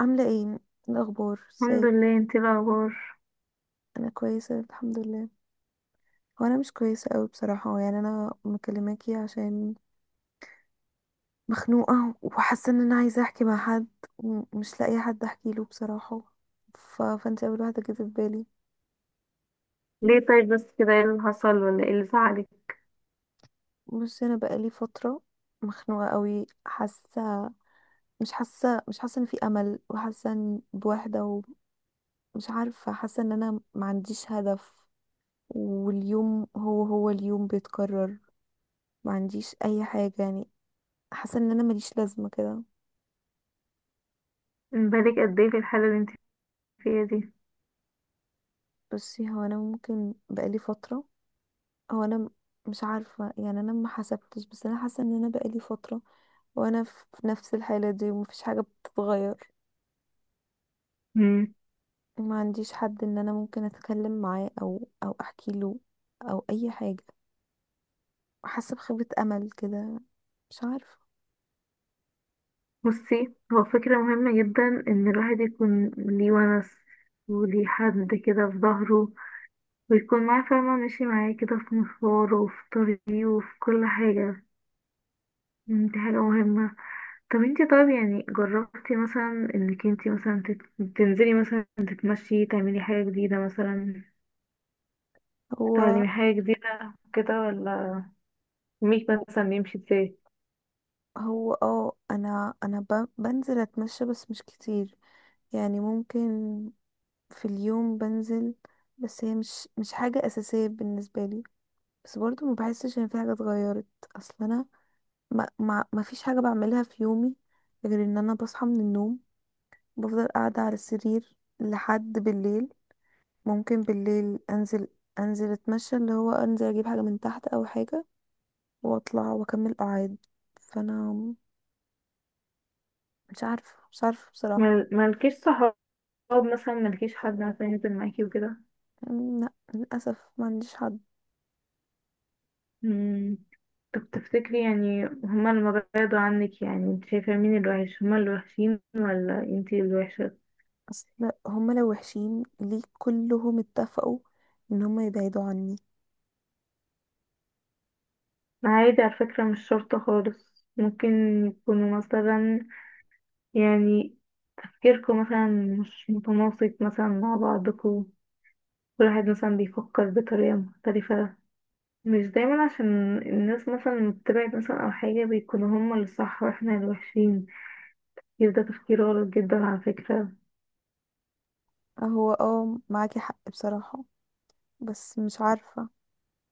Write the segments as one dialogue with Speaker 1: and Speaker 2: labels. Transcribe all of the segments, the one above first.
Speaker 1: عاملة ايه؟ إيه الأخبار؟
Speaker 2: الحمد
Speaker 1: ازيك؟
Speaker 2: لله، انت ايه الاخبار؟
Speaker 1: أنا كويسة الحمد لله. هو أنا مش كويسة أوي بصراحة، أنا مكلماكي عشان مخنوقة، وحاسة إن أنا عايزة أحكي مع حد، ومش لاقية حد أحكي له بصراحة. فأنت أول واحدة جت في بالي.
Speaker 2: ليه؟ طيب، بس كده ايه اللي حصل، ولا ايه اللي زعلك؟
Speaker 1: بصي، أنا بقالي فترة مخنوقة أوي، حاسة مش حاسة إن في أمل، وحاسة إن بوحدة، ومش عارفة، حاسة إن أنا ما عنديش هدف. واليوم هو اليوم بيتكرر، ما عنديش اي حاجة، حاسه ان انا ماليش لازمه كده.
Speaker 2: بالك قد ايه في الحاله اللي انت فيها دي؟
Speaker 1: بصي، هو انا ممكن بقالي فتره، هو انا م- مش عارفه، انا ما حسبتش، بس انا حاسه ان انا بقالي فتره وانا في نفس الحاله دي، ومفيش حاجه بتتغير.
Speaker 2: مم.
Speaker 1: ما عنديش حد ان انا ممكن اتكلم معاه او احكي له او اي حاجه، حاسه بخيبه امل كده، مش عارفه.
Speaker 2: بصي، هو فكره مهمه جدا ان الواحد يكون ليه ونس وليه حد كده في ظهره، ويكون معاه فاهمه، ماشي معاه كده في مشواره وفي طريقه وفي كل حاجه. مم، دي حاجه مهمه. طب انت، طيب يعني جربتي مثلا انك انت مثلا تنزلي مثلا تتمشي، تعملي حاجه جديده مثلا،
Speaker 1: هو
Speaker 2: تعلمي حاجه جديده كده، ولا يومك مثلا بيمشي ازاي؟
Speaker 1: هو اه انا بنزل اتمشى بس مش كتير، يعني ممكن في اليوم بنزل، بس هي مش حاجة أساسية بالنسبة لي. بس برضو ما بحسش إن في حاجة اتغيرت. أصل أنا ما فيش حاجة بعملها في يومي غير إن أنا بصحى من النوم، بفضل قاعدة على السرير لحد بالليل. ممكن بالليل أنزل، أنزل أتمشى، اللي هو أنزل أجيب حاجة من تحت أو حاجة، وأطلع وأكمل قعاد. فأنا مش عارفة بصراحة.
Speaker 2: ملكيش صحاب، مثلا ملكيش حد مثلا ينزل معاكي وكده؟
Speaker 1: لا للأسف، ما عنديش حد.
Speaker 2: مم. طب تفتكري، يعني هما لما بعدوا عنك، يعني انت شايفة مين الوحش، هما الوحشين ولا انتي الوحشة؟
Speaker 1: اصل هما لو وحشين ليه كلهم اتفقوا ان هما يبعدوا عني؟
Speaker 2: عادي، على فكرة مش شرط خالص، ممكن يكونوا مثلا، يعني تفكيركم مثلا مش متناسق مثلا مع بعضكم. كل واحد مثلا بيفكر بطريقة مختلفة. مش دايما عشان الناس مثلا لما بتبعد مثلا او حاجة بيكونوا هما اللي صح واحنا اللي وحشين. يبقى ده تفكير غلط جدا على فكرة.
Speaker 1: هو اه معاكي حق بصراحة، بس مش عارفة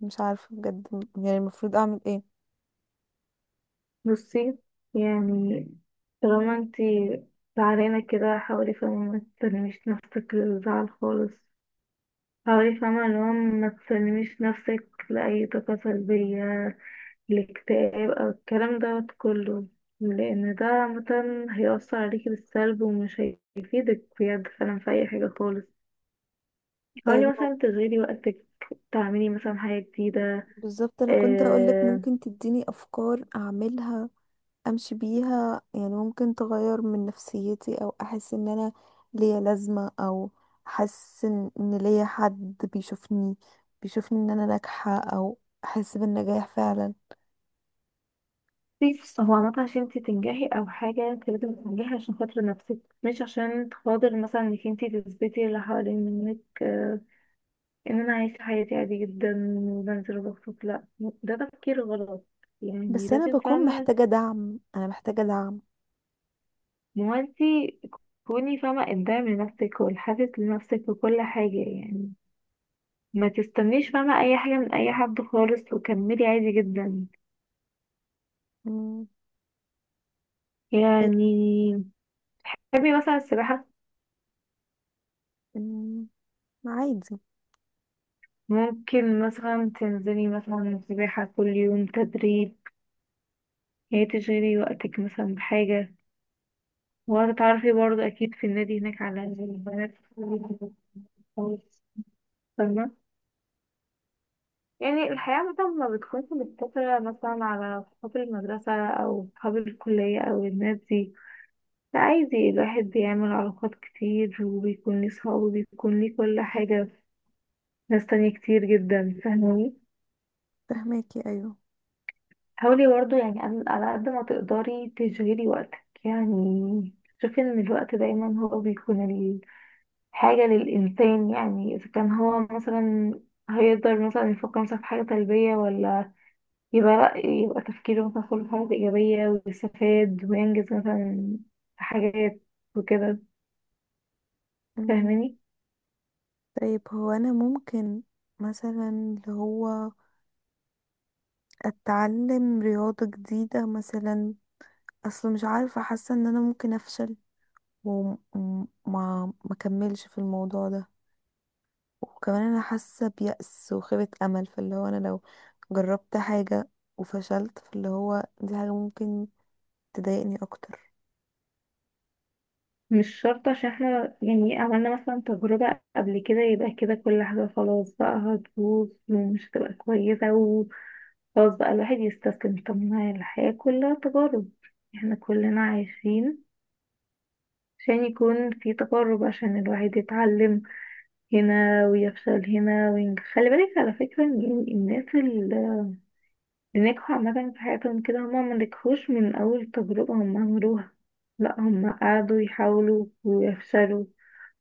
Speaker 1: مش عارفة بجد. يعني المفروض اعمل ايه؟
Speaker 2: بصي، يعني طالما انتي زعلانة كده، حاولي فاهمة ما تسلميش نفسك للزعل خالص. حاولي فاهمة اللي هو ما تسلميش نفسك لأي طاقة سلبية، الاكتئاب أو الكلام دوت كله. لأن ده مثلا هيأثر عليكي بالسلب ومش هيفيدك بجد فعلا في أي حاجة خالص.
Speaker 1: طيب،
Speaker 2: حاولي مثلا تشغلي وقتك، تعملي مثلا حاجة جديدة.
Speaker 1: بالظبط انا كنت هقولك
Speaker 2: آه،
Speaker 1: ممكن تديني افكار اعملها، امشي بيها، يعني ممكن تغير من نفسيتي، او احس ان انا ليا لازمة، او احس ان إن ليا حد بيشوفني ان انا ناجحة، او احس بالنجاح فعلا.
Speaker 2: بس هو عامة عشان انتي تنجحي أو حاجة انتي لازم تنجحي عشان خاطر نفسك، مش عشان خاطر مثلا انك انتي تثبتي اللي حوالين منك. آه، ان انا عايشة حياتي عادي جدا وبنزل وبخرج، لا. ده تفكير غلط. يعني
Speaker 1: بس انا
Speaker 2: لازم
Speaker 1: بكون
Speaker 2: فاهمة.
Speaker 1: محتاجة دعم، انا محتاجة دعم.
Speaker 2: ما هو انتي كوني فاهمة قدام لنفسك، والحافز لنفسك وكل حاجة يعني. ما تستنيش فاهمة أي حاجة من أي حد خالص، وكملي عادي جدا.
Speaker 1: مم. طيب.
Speaker 2: يعني تحبي مثلا السباحة؟
Speaker 1: أمم، عادي.
Speaker 2: ممكن مثلا تنزلي مثلا السباحة كل يوم تدريب، يعني تشغلي وقتك مثلا بحاجة. وهتتعرفي برضه أكيد في النادي هناك على البنات خالص، فاهمة؟ يعني الحياة مثلا ما بتكونش مقتصرة مثلا على صحاب المدرسة أو صحاب الكلية أو الناس دي. لا، عادي الواحد بيعمل علاقات كتير وبيكون ليه صحاب وبيكون ليه كل حاجة. ناس تانية كتير جدا، فاهماني؟
Speaker 1: فهماكي، ايوه.
Speaker 2: حاولي برضه، يعني على قد ما تقدري تشغلي وقتك يعني. شوفي ان الوقت دايما هو بيكون الحاجة للإنسان، يعني إذا كان هو مثلا هيقدر مثلا يفكر مثلا في حاجة سلبية، ولا يبقى لأ، يبقى تفكيره مثلا كله في حاجة إيجابية ويستفاد وينجز مثلا في حاجات وكده.
Speaker 1: مم.
Speaker 2: فاهماني؟
Speaker 1: طيب، هو انا ممكن مثلا اللي هو اتعلم رياضة جديدة مثلا. اصل مش عارفة، حاسة ان انا ممكن افشل وما ما اكملش في الموضوع ده، وكمان انا حاسة بيأس وخيبة امل، فاللي هو انا لو جربت حاجة وفشلت، فاللي هو دي حاجة ممكن تضايقني اكتر.
Speaker 2: مش شرط عشان احنا يعني عملنا مثلا تجربة قبل كده يبقى كده كل حاجة خلاص بقى هتبوظ ومش هتبقى كويسة، خلاص بقى الواحد يستسلم. طب ما هي الحياة كلها تجارب. احنا كلنا عايشين عشان يكون في تجارب، عشان الواحد يتعلم هنا ويفشل هنا وينجح. خلي بالك على فكرة ان يعني الناس اللي نجحوا عامة في حياتهم كده هما ما نجحوش من أول تجربة هما عملوها. لا، هما قعدوا يحاولوا ويفشلوا،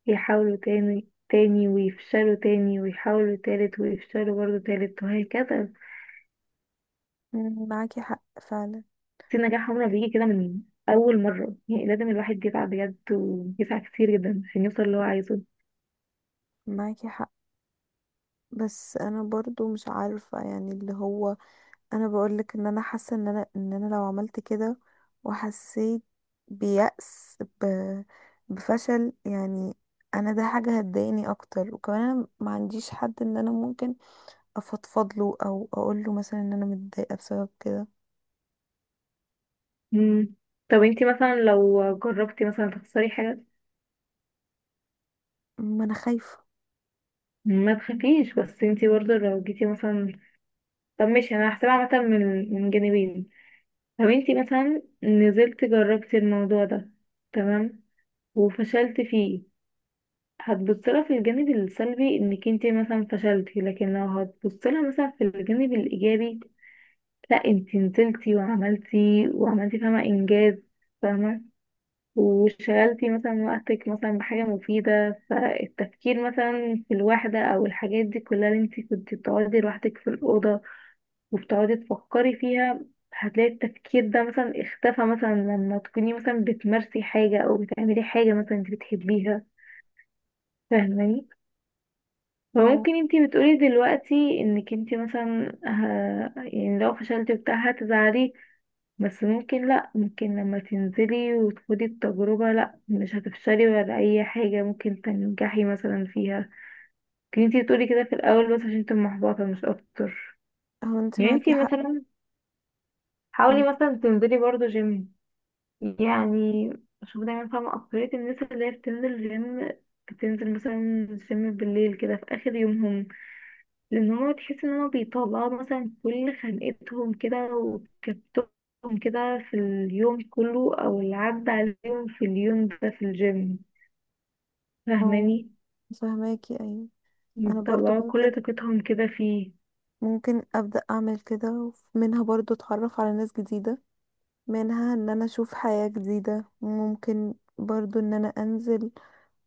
Speaker 2: يحاولوا تاني تاني ويفشلوا تاني، ويحاولوا تالت ويفشلوا برضه تالت وهكذا.
Speaker 1: مم. معاكي حق فعلا.
Speaker 2: في نجاح عمره بيجي كده من أول مرة؟ يعني لازم الواحد يسعى بجد ويسعى كتير جدا عشان يوصل اللي هو عايزه.
Speaker 1: معاكي حق، بس انا برضو مش عارفة، يعني اللي هو انا بقولك ان انا حاسة ان انا لو عملت كده وحسيت بيأس، بفشل يعني، انا ده حاجة هتضايقني اكتر، وكمان انا ما عنديش حد ان انا ممكن افضفض له او اقول له مثلا ان انا متضايقة بسبب كده.
Speaker 2: مم. طب انتي مثلا لو جربتي مثلا تخسري حاجة،
Speaker 1: ما انا خايفة.
Speaker 2: ما تخافيش. بس انتي برضه لو جيتي مثلا، طب ماشي، انا هحسبها مثلا من جانبين. لو انتي مثلا نزلت جربتي الموضوع ده، تمام، وفشلت فيه، هتبصلها في الجانب السلبي انك انتي مثلا فشلتي، لكن لو هتبصلها مثلا في الجانب الايجابي، لا انتي نزلتي وعملتي وعملتي فاهمة انجاز، فاهمة. وشغلتي مثلا وقتك مثلا بحاجة مفيدة، فالتفكير مثلا في الوحدة او الحاجات دي كلها اللي انتي كنتي بتقعدي لوحدك في الأوضة وبتقعدي تفكري فيها، هتلاقي التفكير ده مثلا اختفى مثلا لما تكوني مثلا بتمارسي حاجة او بتعملي حاجة مثلا انتي بتحبيها. فاهماني؟
Speaker 1: او
Speaker 2: فممكن انتي بتقولي دلوقتي انك انتي مثلا يعني لو فشلتي وبتاع هتزعلي، بس ممكن لأ، ممكن لما تنزلي وتخدي التجربة، لأ مش هتفشلي ولا أي حاجة، ممكن تنجحي مثلا فيها. كنتي انتي تقولي كده في الأول بس عشان انتي محبطة مش أكتر.
Speaker 1: او انت
Speaker 2: يعني
Speaker 1: معاكي
Speaker 2: انتي
Speaker 1: حق.
Speaker 2: مثلا
Speaker 1: م-
Speaker 2: حاولي مثلا تنزلي برضه جيم، يعني شوف، دايما فاهمة أكترية الناس اللي هي بتنزل جيم، بتنزل مثلا جيم بالليل كده في آخر يومهم، لان هو تحس ان هو بيطلعوا مثلا كل خنقتهم كده وكبتهم كده في اليوم كله او اللي عدى عليهم في اليوم ده في الجيم.
Speaker 1: او
Speaker 2: فاهماني؟
Speaker 1: فهماكي، ايوه. انا برضو
Speaker 2: بيطلعوا
Speaker 1: ممكن
Speaker 2: كل طاقتهم كده فيه.
Speaker 1: ممكن ابدأ اعمل كده، ومنها برضو اتعرف على ناس جديدة، منها ان انا اشوف حياة جديدة، ممكن برضو ان انا انزل،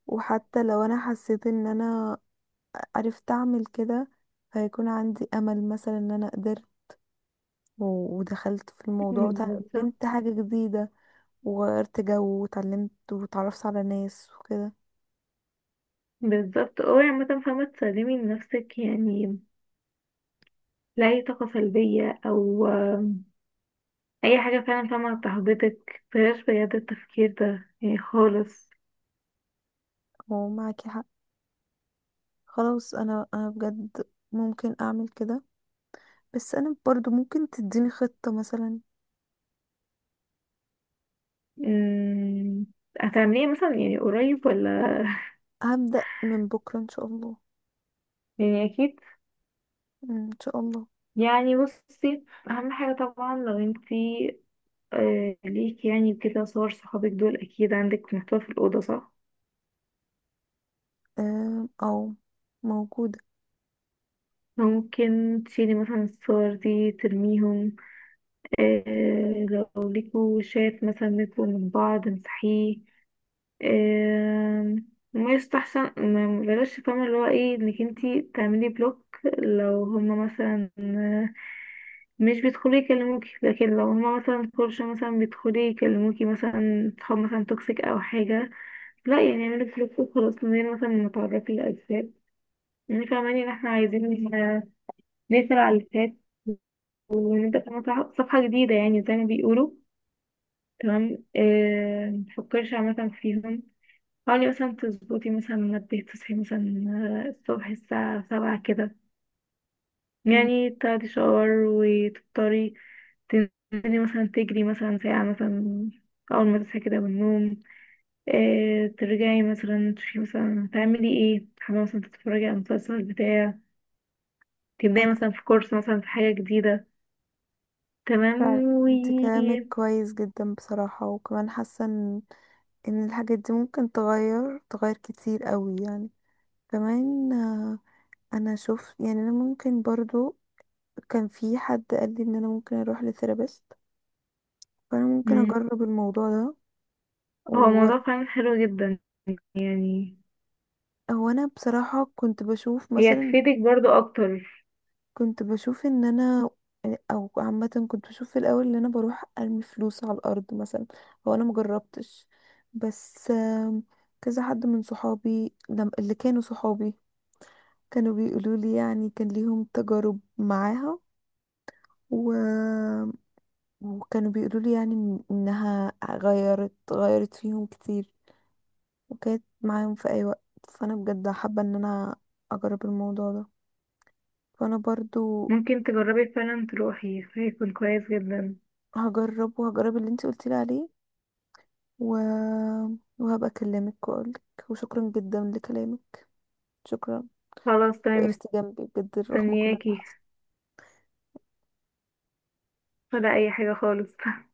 Speaker 1: وحتى لو انا حسيت ان انا عرفت اعمل كده، هيكون عندي امل مثلا ان انا قدرت ودخلت في الموضوع
Speaker 2: مم،
Speaker 1: وتعلمت
Speaker 2: بالظبط.
Speaker 1: حاجة جديدة، وغيرت جو وتعلمت وتعرفت على ناس وكده.
Speaker 2: بالظبط، اوعي عامة فاهمة تسلمي لنفسك، يعني لأي طاقة سلبية أو أي حاجة فعلا فاهمة تحبطك، بلاش بجد التفكير ده يعني خالص.
Speaker 1: معاكي حق. خلاص انا، انا بجد ممكن اعمل كده، بس انا برضو ممكن تديني خطة مثلا؟
Speaker 2: مم، هتعمليه مثلا يعني قريب، ولا؟
Speaker 1: هبدأ من بكرة ان شاء الله.
Speaker 2: يعني أكيد.
Speaker 1: مم، ان شاء الله.
Speaker 2: يعني بصي، اهم حاجه طبعا لو انتي ليك يعني كده صور صحابك دول اكيد عندك في محتوى في الاوضه، صح؟
Speaker 1: آه، أو موجودة.
Speaker 2: ممكن تشيلي مثلا الصور دي ترميهم. آه. لو ليكوا شات مثلا بينكوا من بعض امسحيه. آه. ما يستحسن، ما بلاش فاهمة اللي هو ايه انك انتي تعملي بلوك، لو هما مثلا مش بيدخلوا يكلموكي، لكن لو هما مثلا كورش مثلا بيدخلوا يكلموكي مثلا، صحاب مثلا توكسيك او حاجة، لا يعني يعملك بلوك وخلاص من غير مثلا ما تعرفي الأجساد. يعني فاهماني ان احنا عايزين نقفل على اللي فات ونبدأ كمان صفحة جديدة، يعني زي ما بيقولوا. تمام. متفكرش عامة فيهم. حاولي مثلا تظبطي مثلا منبه تصحي مثلا الصبح الساعة 7 كده،
Speaker 1: أمم،
Speaker 2: يعني تاخدي شاور وتفطري، تنزلي مثلا تجري مثلا ساعة مثلا أول ما تصحي كده من النوم، إيه ترجعي مثلا تشوفي مثلا تعملي ايه، حابة مثلا تتفرجي على المسلسل بتاع، تبدأي
Speaker 1: أنا
Speaker 2: مثلا في كورس مثلا في حاجة جديدة. تمام.
Speaker 1: فعلا،
Speaker 2: و.
Speaker 1: أنت كلامك كويس جدا بصراحة، وكمان حاسة إن إن الحاجات دي ممكن تغير كتير قوي، يعني كمان، آه، أنا شفت، يعني أنا ممكن برضو، كان في حد قال لي إن أنا ممكن أروح لثيرابيست، فأنا ممكن
Speaker 2: مم.
Speaker 1: أجرب الموضوع ده.
Speaker 2: هو
Speaker 1: وأور-
Speaker 2: موضوع فعلا حلو جدا. يعني
Speaker 1: هو أنا بصراحة كنت بشوف
Speaker 2: هي
Speaker 1: مثلا،
Speaker 2: هتفيدك برضو أكتر.
Speaker 1: كنت بشوف ان انا، او عامه كنت بشوف في الاول ان انا بروح ارمي فلوس على الارض مثلا، هو انا مجربتش، بس كذا حد من صحابي، اللي كانوا صحابي، كانوا بيقولوا لي، يعني كان ليهم تجارب معاها، و... وكانوا بيقولوا لي، يعني انها غيرت فيهم كتير، وكانت معاهم في اي وقت. فانا بجد حابه ان انا اجرب الموضوع ده، فانا برضو
Speaker 2: ممكن تجربي فعلا تروحي، هيكون كويس جدا.
Speaker 1: هجرب، وهجرب اللي انت قلتي لي عليه، و... وهبقى أكلمك وأقولك. وشكرا جدا لكلامك، شكرا.
Speaker 2: خلاص، تمام.
Speaker 1: وقفت جنبي بجد رغم كل اللي
Speaker 2: مستنياكي
Speaker 1: حصل.
Speaker 2: ولا أي حاجة خالص